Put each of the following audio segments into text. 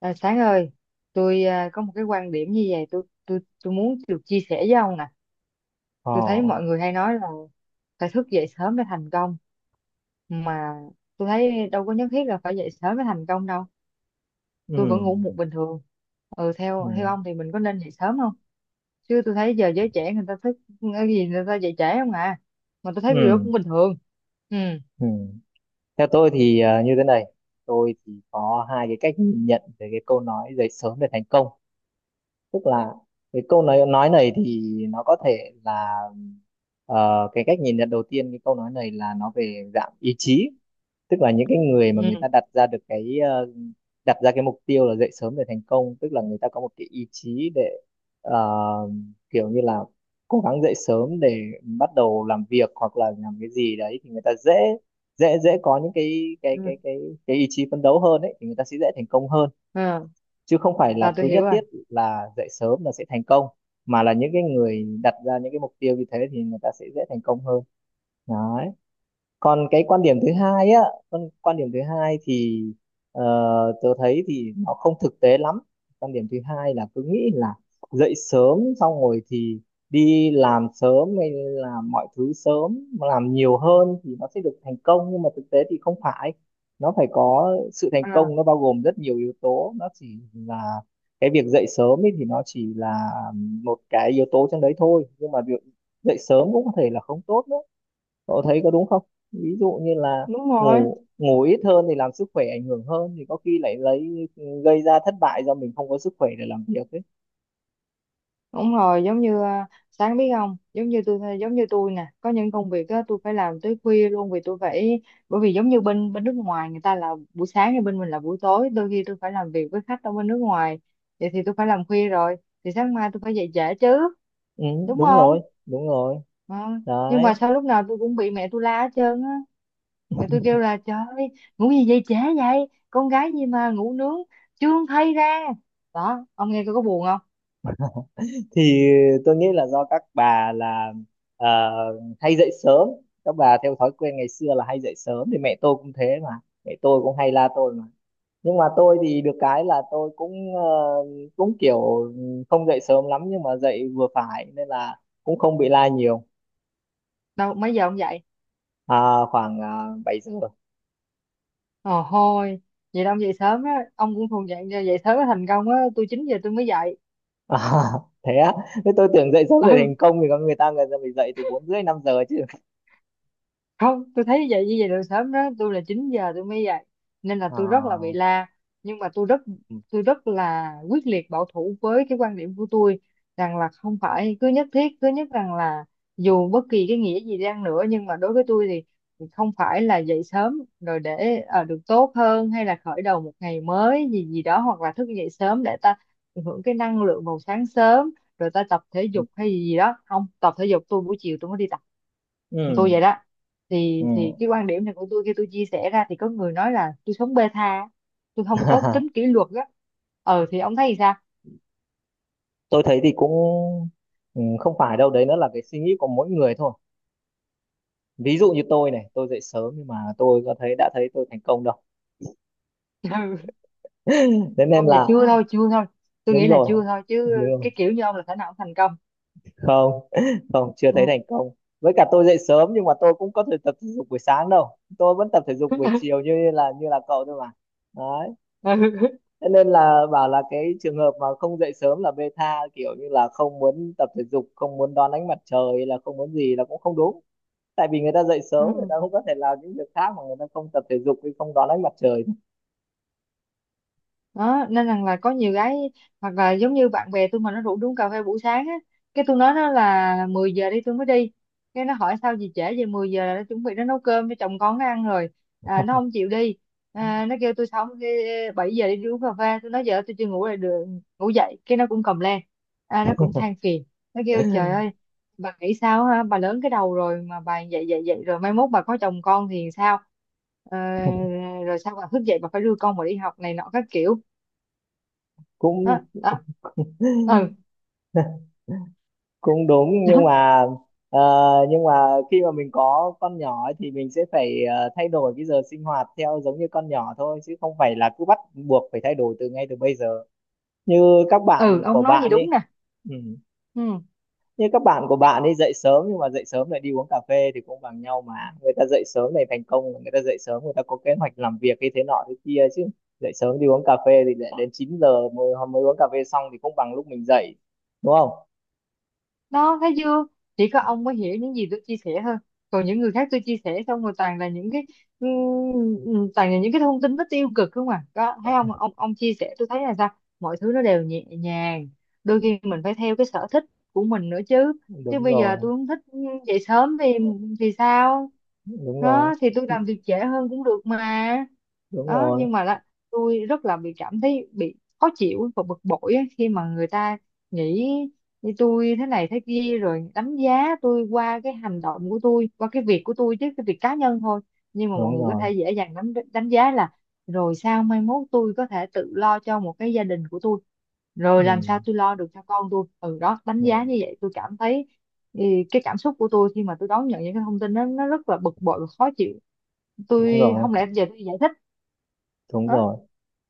À, Sáng ơi, tôi có một cái quan điểm như vậy, tôi muốn được chia sẻ với ông nè. Ờ, Tôi thấy mọi người hay nói là phải thức dậy sớm để thành công, mà tôi thấy đâu có nhất thiết là phải dậy sớm để thành công đâu. Tôi ừ, vẫn ngủ muộn bình thường. Ừ, ừ, theo theo ông thì mình có nên dậy sớm không? Chứ tôi thấy giờ giới trẻ người ta thức cái gì người ta dậy trễ không à? Mà tôi thấy cái điều đó ừ, cũng bình thường. Ừ, ừ. Theo tôi thì như thế này, tôi thì có hai cái cách nhìn nhận về cái câu nói dậy sớm để thành công. Tức là cái câu nói này thì nó có thể là cái cách nhìn nhận đầu tiên cái câu nói này là nó về dạng ý chí, tức là những cái người mà người ừ, ta đặt ra được cái đặt ra cái mục tiêu là dậy sớm để thành công, tức là người ta có một cái ý chí để ờ, kiểu như là cố gắng dậy sớm để bắt đầu làm việc hoặc là làm cái gì đấy thì người ta dễ dễ dễ có những cái cái ừ, cái cái cái ý chí phấn đấu hơn ấy, thì người ta sẽ dễ thành công hơn, ừ. chứ không phải là À, tôi cứ hiểu nhất rồi. thiết là dậy sớm là sẽ thành công, mà là những cái người đặt ra những cái mục tiêu như thế thì người ta sẽ dễ thành công hơn đấy. Còn cái quan điểm thứ hai á, quan quan điểm thứ hai thì ờ, tớ thấy thì nó không thực tế lắm. Quan điểm thứ hai là cứ nghĩ là dậy sớm xong rồi thì đi làm sớm hay làm mọi thứ sớm, làm nhiều hơn thì nó sẽ được thành công, nhưng mà thực tế thì không phải, nó phải có sự thành À, công, nó bao gồm rất nhiều yếu tố, nó chỉ là cái việc dậy sớm ấy thì nó chỉ là một cái yếu tố trong đấy thôi, nhưng mà việc dậy sớm cũng có thể là không tốt nữa. Cậu thấy có đúng không? Ví dụ như là đúng rồi. ngủ ngủ ít hơn thì làm sức khỏe ảnh hưởng hơn thì có khi lại lấy gây ra thất bại do mình không có sức khỏe để làm việc ấy. Đúng rồi, giống như Sáng biết không, giống như tôi nè, có những công việc á tôi phải làm tới khuya luôn vì tôi phải, bởi vì giống như bên bên nước ngoài người ta là buổi sáng thì bên mình là buổi tối, đôi khi tôi phải làm việc với khách ở bên nước ngoài. Vậy thì tôi phải làm khuya rồi, thì sáng mai tôi phải dậy trễ chứ, Ừ, đúng đúng không? rồi, đúng rồi Ờ. Nhưng đấy. mà sao lúc nào tôi cũng bị mẹ tôi la hết trơn á. Mẹ tôi kêu là trời ơi, ngủ gì dậy trễ vậy? Con gái gì mà ngủ nướng chưa thay ra. Đó, ông nghe coi có buồn không? Thì tôi nghĩ là do các bà là ờ, hay dậy sớm, các bà theo thói quen ngày xưa là hay dậy sớm thì mẹ tôi cũng thế mà, mẹ tôi cũng hay la tôi mà, nhưng mà tôi thì được cái là tôi cũng cũng kiểu không dậy sớm lắm nhưng mà dậy vừa phải nên là cũng không bị la nhiều. Đâu mấy giờ ông dậy? À, khoảng 7 giờ. Ờ thôi, vậy là ông dậy sớm á, ông cũng thuộc dạng dậy sớm mới thành công á, tôi 9 giờ tôi mới dậy. À, thế á? Thế tôi tưởng dậy sớm để thành Ừ, công thì có người ta phải dậy từ 4:30 5 giờ chứ. không tôi thấy vậy như vậy là sớm, đó tôi là 9 giờ tôi mới dậy nên là tôi rất là bị À, la, nhưng mà tôi rất là quyết liệt bảo thủ với cái quan điểm của tôi rằng là không phải cứ nhất thiết, cứ nhất rằng là dù bất kỳ cái nghĩa gì đi nữa, nhưng mà đối với tôi thì không phải là dậy sớm rồi để được tốt hơn hay là khởi đầu một ngày mới gì gì đó, hoặc là thức dậy sớm để ta tận hưởng cái năng lượng vào sáng sớm rồi ta tập thể dục hay gì gì đó, không tập thể dục, tôi buổi chiều tôi mới đi, tôi ừ, vậy đó. ừ. Thì cái quan điểm này của tôi khi tôi chia sẻ ra thì có người nói là tôi sống bê tha, tôi không có tính kỷ luật á. Thì ông thấy thì sao? Tôi thấy thì cũng ừ, không phải đâu đấy, nó là cái suy nghĩ của mỗi người thôi. Ví dụ như tôi này, tôi dậy sớm nhưng mà tôi có thấy đã thấy tôi thành công đâu. Ừ. Thế nên Không, dạ là chưa thôi, chưa thôi, tôi đúng nghĩ là rồi, chưa thôi chứ, đúng rồi. cái kiểu như ông là khả năng ông thành công. Không, không, chưa thấy Ừ. thành công. Với cả tôi dậy sớm nhưng mà tôi cũng có thể tập thể dục buổi sáng đâu, tôi vẫn tập thể dục buổi chiều như là cậu thôi mà. Thế nên là bảo là cái trường hợp mà không dậy sớm là bê tha, kiểu như là không muốn tập thể dục, không muốn đón ánh mặt trời hay là không muốn gì là cũng không đúng, tại vì người ta dậy sớm người Ừ. ta cũng có thể làm những việc khác mà người ta không tập thể dục hay không đón ánh mặt trời. Đó nên rằng là có nhiều gái hoặc là giống như bạn bè tôi mà nó rủ đi uống cà phê buổi sáng á, cái tôi nói nó là 10 giờ đi tôi mới đi, cái nó hỏi sao gì trễ về, 10 giờ là nó chuẩn bị nó nấu cơm cho chồng con nó ăn rồi. À, nó không chịu đi. À, nó kêu tôi xong đi 7 giờ đi, đi uống cà phê, tôi nói giờ tôi chưa ngủ lại được, ngủ dậy cái nó cũng cầm lên. À, nó cũng than phiền, nó kêu trời ơi, bà nghĩ sao ha, bà lớn cái đầu rồi mà bà dậy dậy dậy rồi mai mốt bà có chồng con thì sao? Ờ, rồi sao bà thức dậy bà phải đưa con mà đi học này nọ các kiểu, cũng đó, đó. Ừ. cũng đúng nhưng mà ờ, nhưng mà khi mà mình có con nhỏ ấy, thì mình sẽ phải thay đổi cái giờ sinh hoạt theo giống như con nhỏ thôi, chứ không phải là cứ bắt buộc phải thay đổi từ ngay từ bây giờ như các Ừ, bạn của ông nói gì bạn đi. đúng nè. Ừ, Như các bạn của bạn ấy dậy sớm nhưng mà dậy sớm lại đi uống cà phê thì cũng bằng nhau mà. Người ta dậy sớm này thành công, người ta dậy sớm người ta có kế hoạch làm việc cái thế nọ thế kia chứ. Dậy sớm đi uống cà phê thì lại đến 9 giờ mới uống cà phê xong thì cũng bằng lúc mình dậy. Đúng không? đó thấy chưa, chỉ có ông mới hiểu những gì tôi chia sẻ thôi, còn những người khác tôi chia sẻ xong rồi toàn là những cái, toàn là những cái thông tin nó tiêu cực không à, đó thấy không ông chia sẻ tôi thấy là sao mọi thứ nó đều nhẹ nhàng, đôi khi mình phải theo cái sở thích của mình nữa chứ. Chứ Đúng bây giờ rồi, tôi không thích dậy sớm thì sao? đúng rồi, Đó thì tôi làm việc trễ hơn cũng được mà. đúng Đó, rồi, nhưng mà là tôi rất là bị cảm thấy bị khó chịu và bực bội á, khi mà người ta nghĩ như tôi thế này thế kia rồi đánh giá tôi qua cái hành động của tôi, qua cái việc của tôi, chứ cái việc cá nhân thôi, nhưng mà mọi đúng người có rồi. thể dễ dàng đánh đánh giá là rồi sao mai mốt tôi có thể tự lo cho một cái gia đình của tôi, rồi Ừ. làm sao tôi lo được cho con tôi, ừ, đó đánh Ừ. giá như vậy tôi cảm thấy ừ, cái cảm xúc của tôi khi mà tôi đón nhận những cái thông tin đó nó rất là bực bội và khó chịu, Đúng tôi rồi, không lẽ giờ tôi giải thích. đúng Đó. rồi.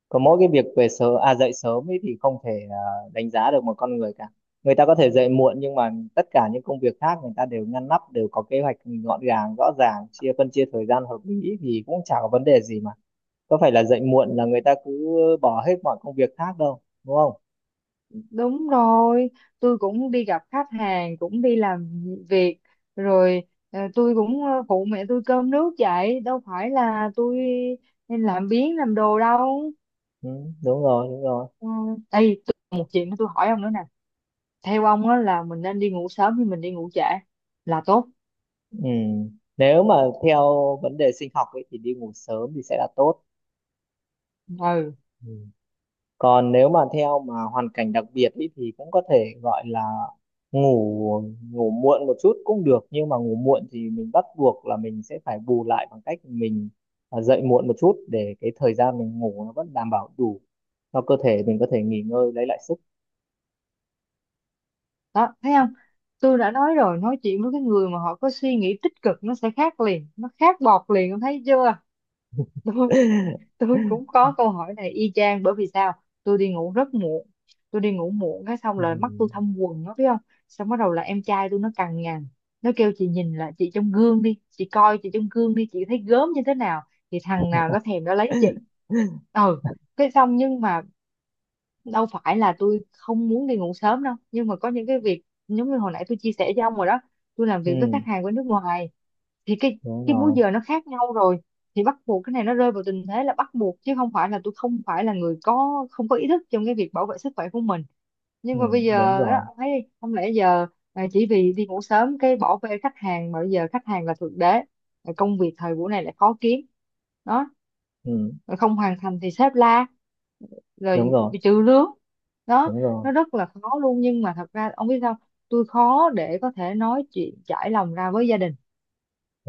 Có mỗi cái việc về sớm à dậy sớm ấy thì không thể đánh giá được một con người cả. Người ta có thể dậy muộn nhưng mà tất cả những công việc khác người ta đều ngăn nắp, đều có kế hoạch gọn gàng, rõ ràng, chia phân chia thời gian hợp lý thì cũng chả có vấn đề gì mà. Có phải là dậy muộn là người ta cứ bỏ hết mọi công việc khác đâu, đúng không? Đúng rồi, tôi cũng đi gặp khách hàng, cũng đi làm việc, rồi tôi cũng phụ mẹ tôi cơm nước vậy, đâu phải là tôi nên làm biếng làm đồ đâu. Ừ, đúng rồi, đúng rồi. Ừ. Ê, tôi, một chuyện tôi hỏi ông nữa nè, theo ông á là mình nên đi ngủ sớm hay mình đi ngủ trễ là tốt? Ừ. Nếu mà theo vấn đề sinh học ấy thì đi ngủ sớm thì sẽ là tốt. Ừ, Ừ. Còn nếu mà theo mà hoàn cảnh đặc biệt ý, thì cũng có thể gọi là ngủ ngủ muộn một chút cũng được, nhưng mà ngủ muộn thì mình bắt buộc là mình sẽ phải bù lại bằng cách mình dậy muộn một chút để cái thời gian mình ngủ nó vẫn đảm bảo đủ cho cơ thể mình có thể nghỉ ngơi lấy lại sức. đó, thấy không? Tôi đã nói rồi, nói chuyện với cái người mà họ có suy nghĩ tích cực nó sẽ khác liền, nó khác bọt liền, ông thấy chưa? Tôi cũng có câu hỏi này y chang, bởi vì sao, tôi đi ngủ rất muộn, tôi đi ngủ muộn cái xong Ừ. là mắt tôi thâm quầng nó biết không, xong bắt đầu là em trai tôi nó cằn nhằn, nó kêu chị nhìn là chị trong gương đi, chị coi chị trong gương đi, chị thấy gớm như thế nào, thì thằng nào nó thèm nó lấy chị. Ừ, cái xong nhưng mà đâu phải là tôi không muốn đi ngủ sớm đâu, nhưng mà có những cái việc giống như hồi nãy tôi chia sẻ với ông rồi đó, tôi làm việc với Ừ, khách hàng bên nước ngoài, thì cái đúng cái múi rồi. giờ nó khác nhau rồi, thì bắt buộc cái này nó rơi vào tình thế là bắt buộc, chứ không phải là tôi không phải là người có không có ý thức trong cái việc bảo vệ sức khỏe của mình, nhưng Ừ, mà bây đúng giờ đó rồi. ông thấy đi, không lẽ giờ chỉ vì đi ngủ sớm cái bỏ bê khách hàng mà bây giờ khách hàng là thượng đế. Rồi công việc thời buổi này lại khó kiếm, đó, Ừ, rồi không hoàn thành thì sếp la, đúng rồi rồi, bị trừ lương, đó, đúng rồi, nó rất là khó luôn, nhưng mà thật ra ông biết sao, tôi khó để có thể nói chuyện trải lòng ra với gia đình,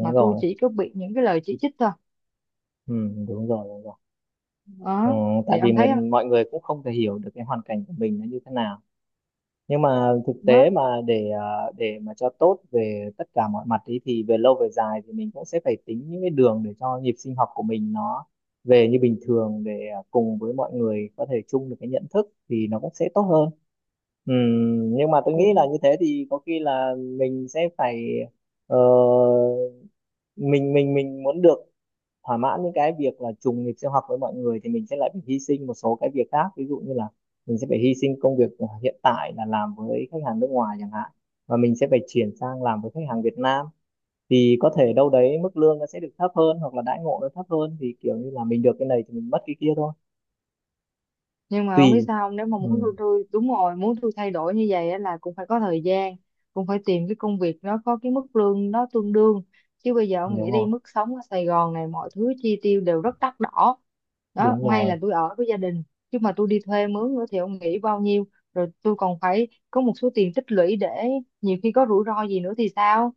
mà tôi rồi. chỉ có bị những cái lời chỉ trích thôi, Ừ, đúng rồi, đúng rồi. Ờ, đó tại thì vì ông thấy mình không? mọi người cũng không thể hiểu được cái hoàn cảnh của mình nó như thế nào, nhưng mà thực tế mà để mà cho tốt về tất cả mọi mặt ý thì về lâu về dài thì mình cũng sẽ phải tính những cái đường để cho nhịp sinh học của mình nó về như bình thường để cùng với mọi người có thể chung được cái nhận thức thì nó cũng sẽ tốt hơn. Nhưng mà tôi Đó, nghĩ là như thế thì có khi là mình sẽ phải ờ, mình muốn được thỏa mãn những cái việc là trùng nghịch sinh hoạt với mọi người thì mình sẽ lại phải hy sinh một số cái việc khác, ví dụ như là mình sẽ phải hy sinh công việc hiện tại là làm với khách hàng nước ngoài chẳng hạn, và mình sẽ phải chuyển sang làm với khách hàng Việt Nam, thì có thể đâu đấy mức lương nó sẽ được thấp hơn hoặc là đãi ngộ nó thấp hơn, thì kiểu như là mình được cái này thì mình mất cái kia thôi. nhưng mà không biết Tùy. sao không? Nếu mà Ừ, muốn tôi đúng rồi muốn tôi thay đổi như vậy á là cũng phải có thời gian, cũng phải tìm cái công việc nó có cái mức lương nó tương đương, chứ bây giờ ông đúng nghĩ đi, rồi, mức sống ở Sài Gòn này mọi thứ chi tiêu đều rất đắt đỏ, đó, đúng may rồi. là tôi ở với gia đình, chứ mà tôi đi thuê mướn nữa thì ông nghĩ bao nhiêu, rồi tôi còn phải có một số tiền tích lũy để nhiều khi có rủi ro gì nữa thì sao.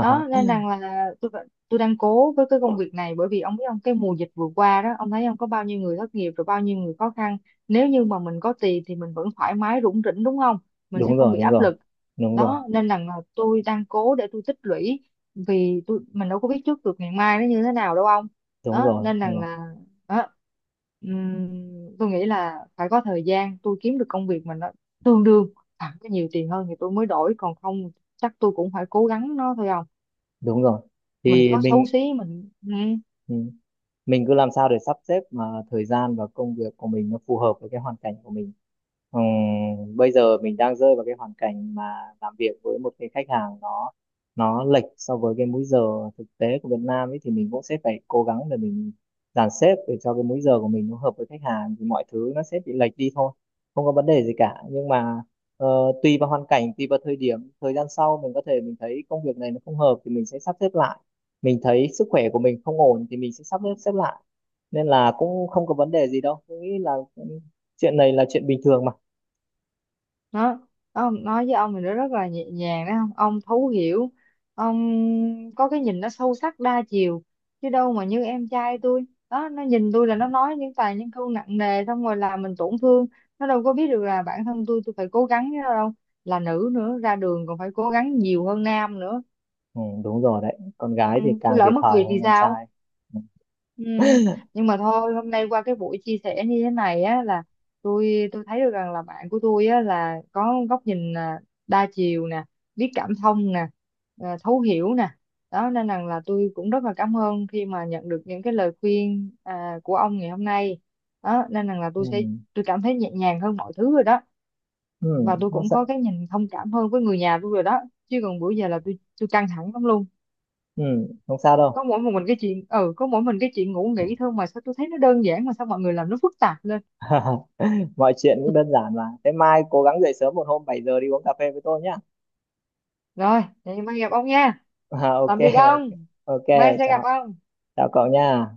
Đó nên rằng là tôi đang cố với cái công việc này, bởi vì ông biết ông, cái mùa dịch vừa qua đó ông thấy ông có bao nhiêu người thất nghiệp rồi bao nhiêu người khó khăn, nếu như mà mình có tiền thì mình vẫn thoải mái rủng rỉnh đúng không, mình sẽ Đúng không rồi, bị đúng áp rồi, lực. đúng rồi, Đó nên là tôi đang cố để tôi tích lũy, vì tôi, mình đâu có biết trước được ngày mai nó như thế nào đâu ông. đúng Đó rồi, nên là, đúng rồi, là đó, tôi nghĩ là phải có thời gian tôi kiếm được công việc mà nó tương đương hoặc có nhiều tiền hơn thì tôi mới đổi, còn không chắc tôi cũng phải cố gắng nó thôi, không đúng rồi. mình Thì có xấu mình xí, mình ừ, mình cứ làm sao để sắp xếp mà thời gian và công việc của mình nó phù hợp với cái hoàn cảnh của mình. Bây giờ mình đang rơi vào cái hoàn cảnh mà làm việc với một cái khách hàng nó lệch so với cái múi giờ thực tế của Việt Nam ấy, thì mình cũng sẽ phải cố gắng để mình dàn xếp để cho cái múi giờ của mình nó hợp với khách hàng thì mọi thứ nó sẽ bị lệch đi thôi, không có vấn đề gì cả, nhưng mà ờ, tùy vào hoàn cảnh tùy vào thời điểm, thời gian sau mình có thể mình thấy công việc này nó không hợp thì mình sẽ sắp xếp lại, mình thấy sức khỏe của mình không ổn thì mình sẽ sắp xếp xếp lại, nên là cũng không có vấn đề gì đâu, tôi nghĩ là cũng- chuyện này là chuyện bình thường mà. nó nó nói với ông thì nó rất là nhẹ nhàng đấy, không ông thấu hiểu, ông có cái nhìn nó sâu sắc đa chiều, chứ đâu mà như em trai tôi, đó nó nhìn tôi là nó nói những toàn những câu nặng nề xong rồi làm mình tổn thương, nó đâu có biết được là bản thân tôi phải cố gắng với nó đâu, là nữ nữa ra đường còn phải cố gắng nhiều hơn nam nữa. Ừ, đúng rồi đấy, con ừ, gái thì tôi càng lỡ thiệt mất thòi việc hơn thì con sao? trai. Ừ. Ừ. Nhưng mà thôi hôm nay qua cái buổi chia sẻ như thế này á là tôi thấy được rằng là bạn của tôi á là có góc nhìn đa chiều nè, biết cảm thông nè, thấu hiểu nè, đó nên rằng là tôi cũng rất là cảm ơn khi mà nhận được những cái lời khuyên của ông ngày hôm nay. Đó nên rằng là Ừ. Tôi cảm thấy nhẹ nhàng hơn mọi thứ rồi đó, Ừ. và tôi Không cũng sao. có cái nhìn thông cảm hơn với người nhà tôi rồi đó, chứ còn bữa giờ là tôi căng thẳng lắm luôn. Ừ. Không sao đâu. Có mỗi mình cái chuyện ngủ nghỉ thôi mà sao tôi thấy nó đơn giản mà sao mọi người làm nó phức tạp lên. Mọi chuyện cũng đơn giản mà, thế mai cố gắng dậy sớm một hôm 7 giờ đi uống cà phê với tôi nhá. Rồi vậy mai gặp ông nha, À, ok. tạm biệt Ok. ông, Ok. mai sẽ gặp Chào. ông. Chào cậu nha.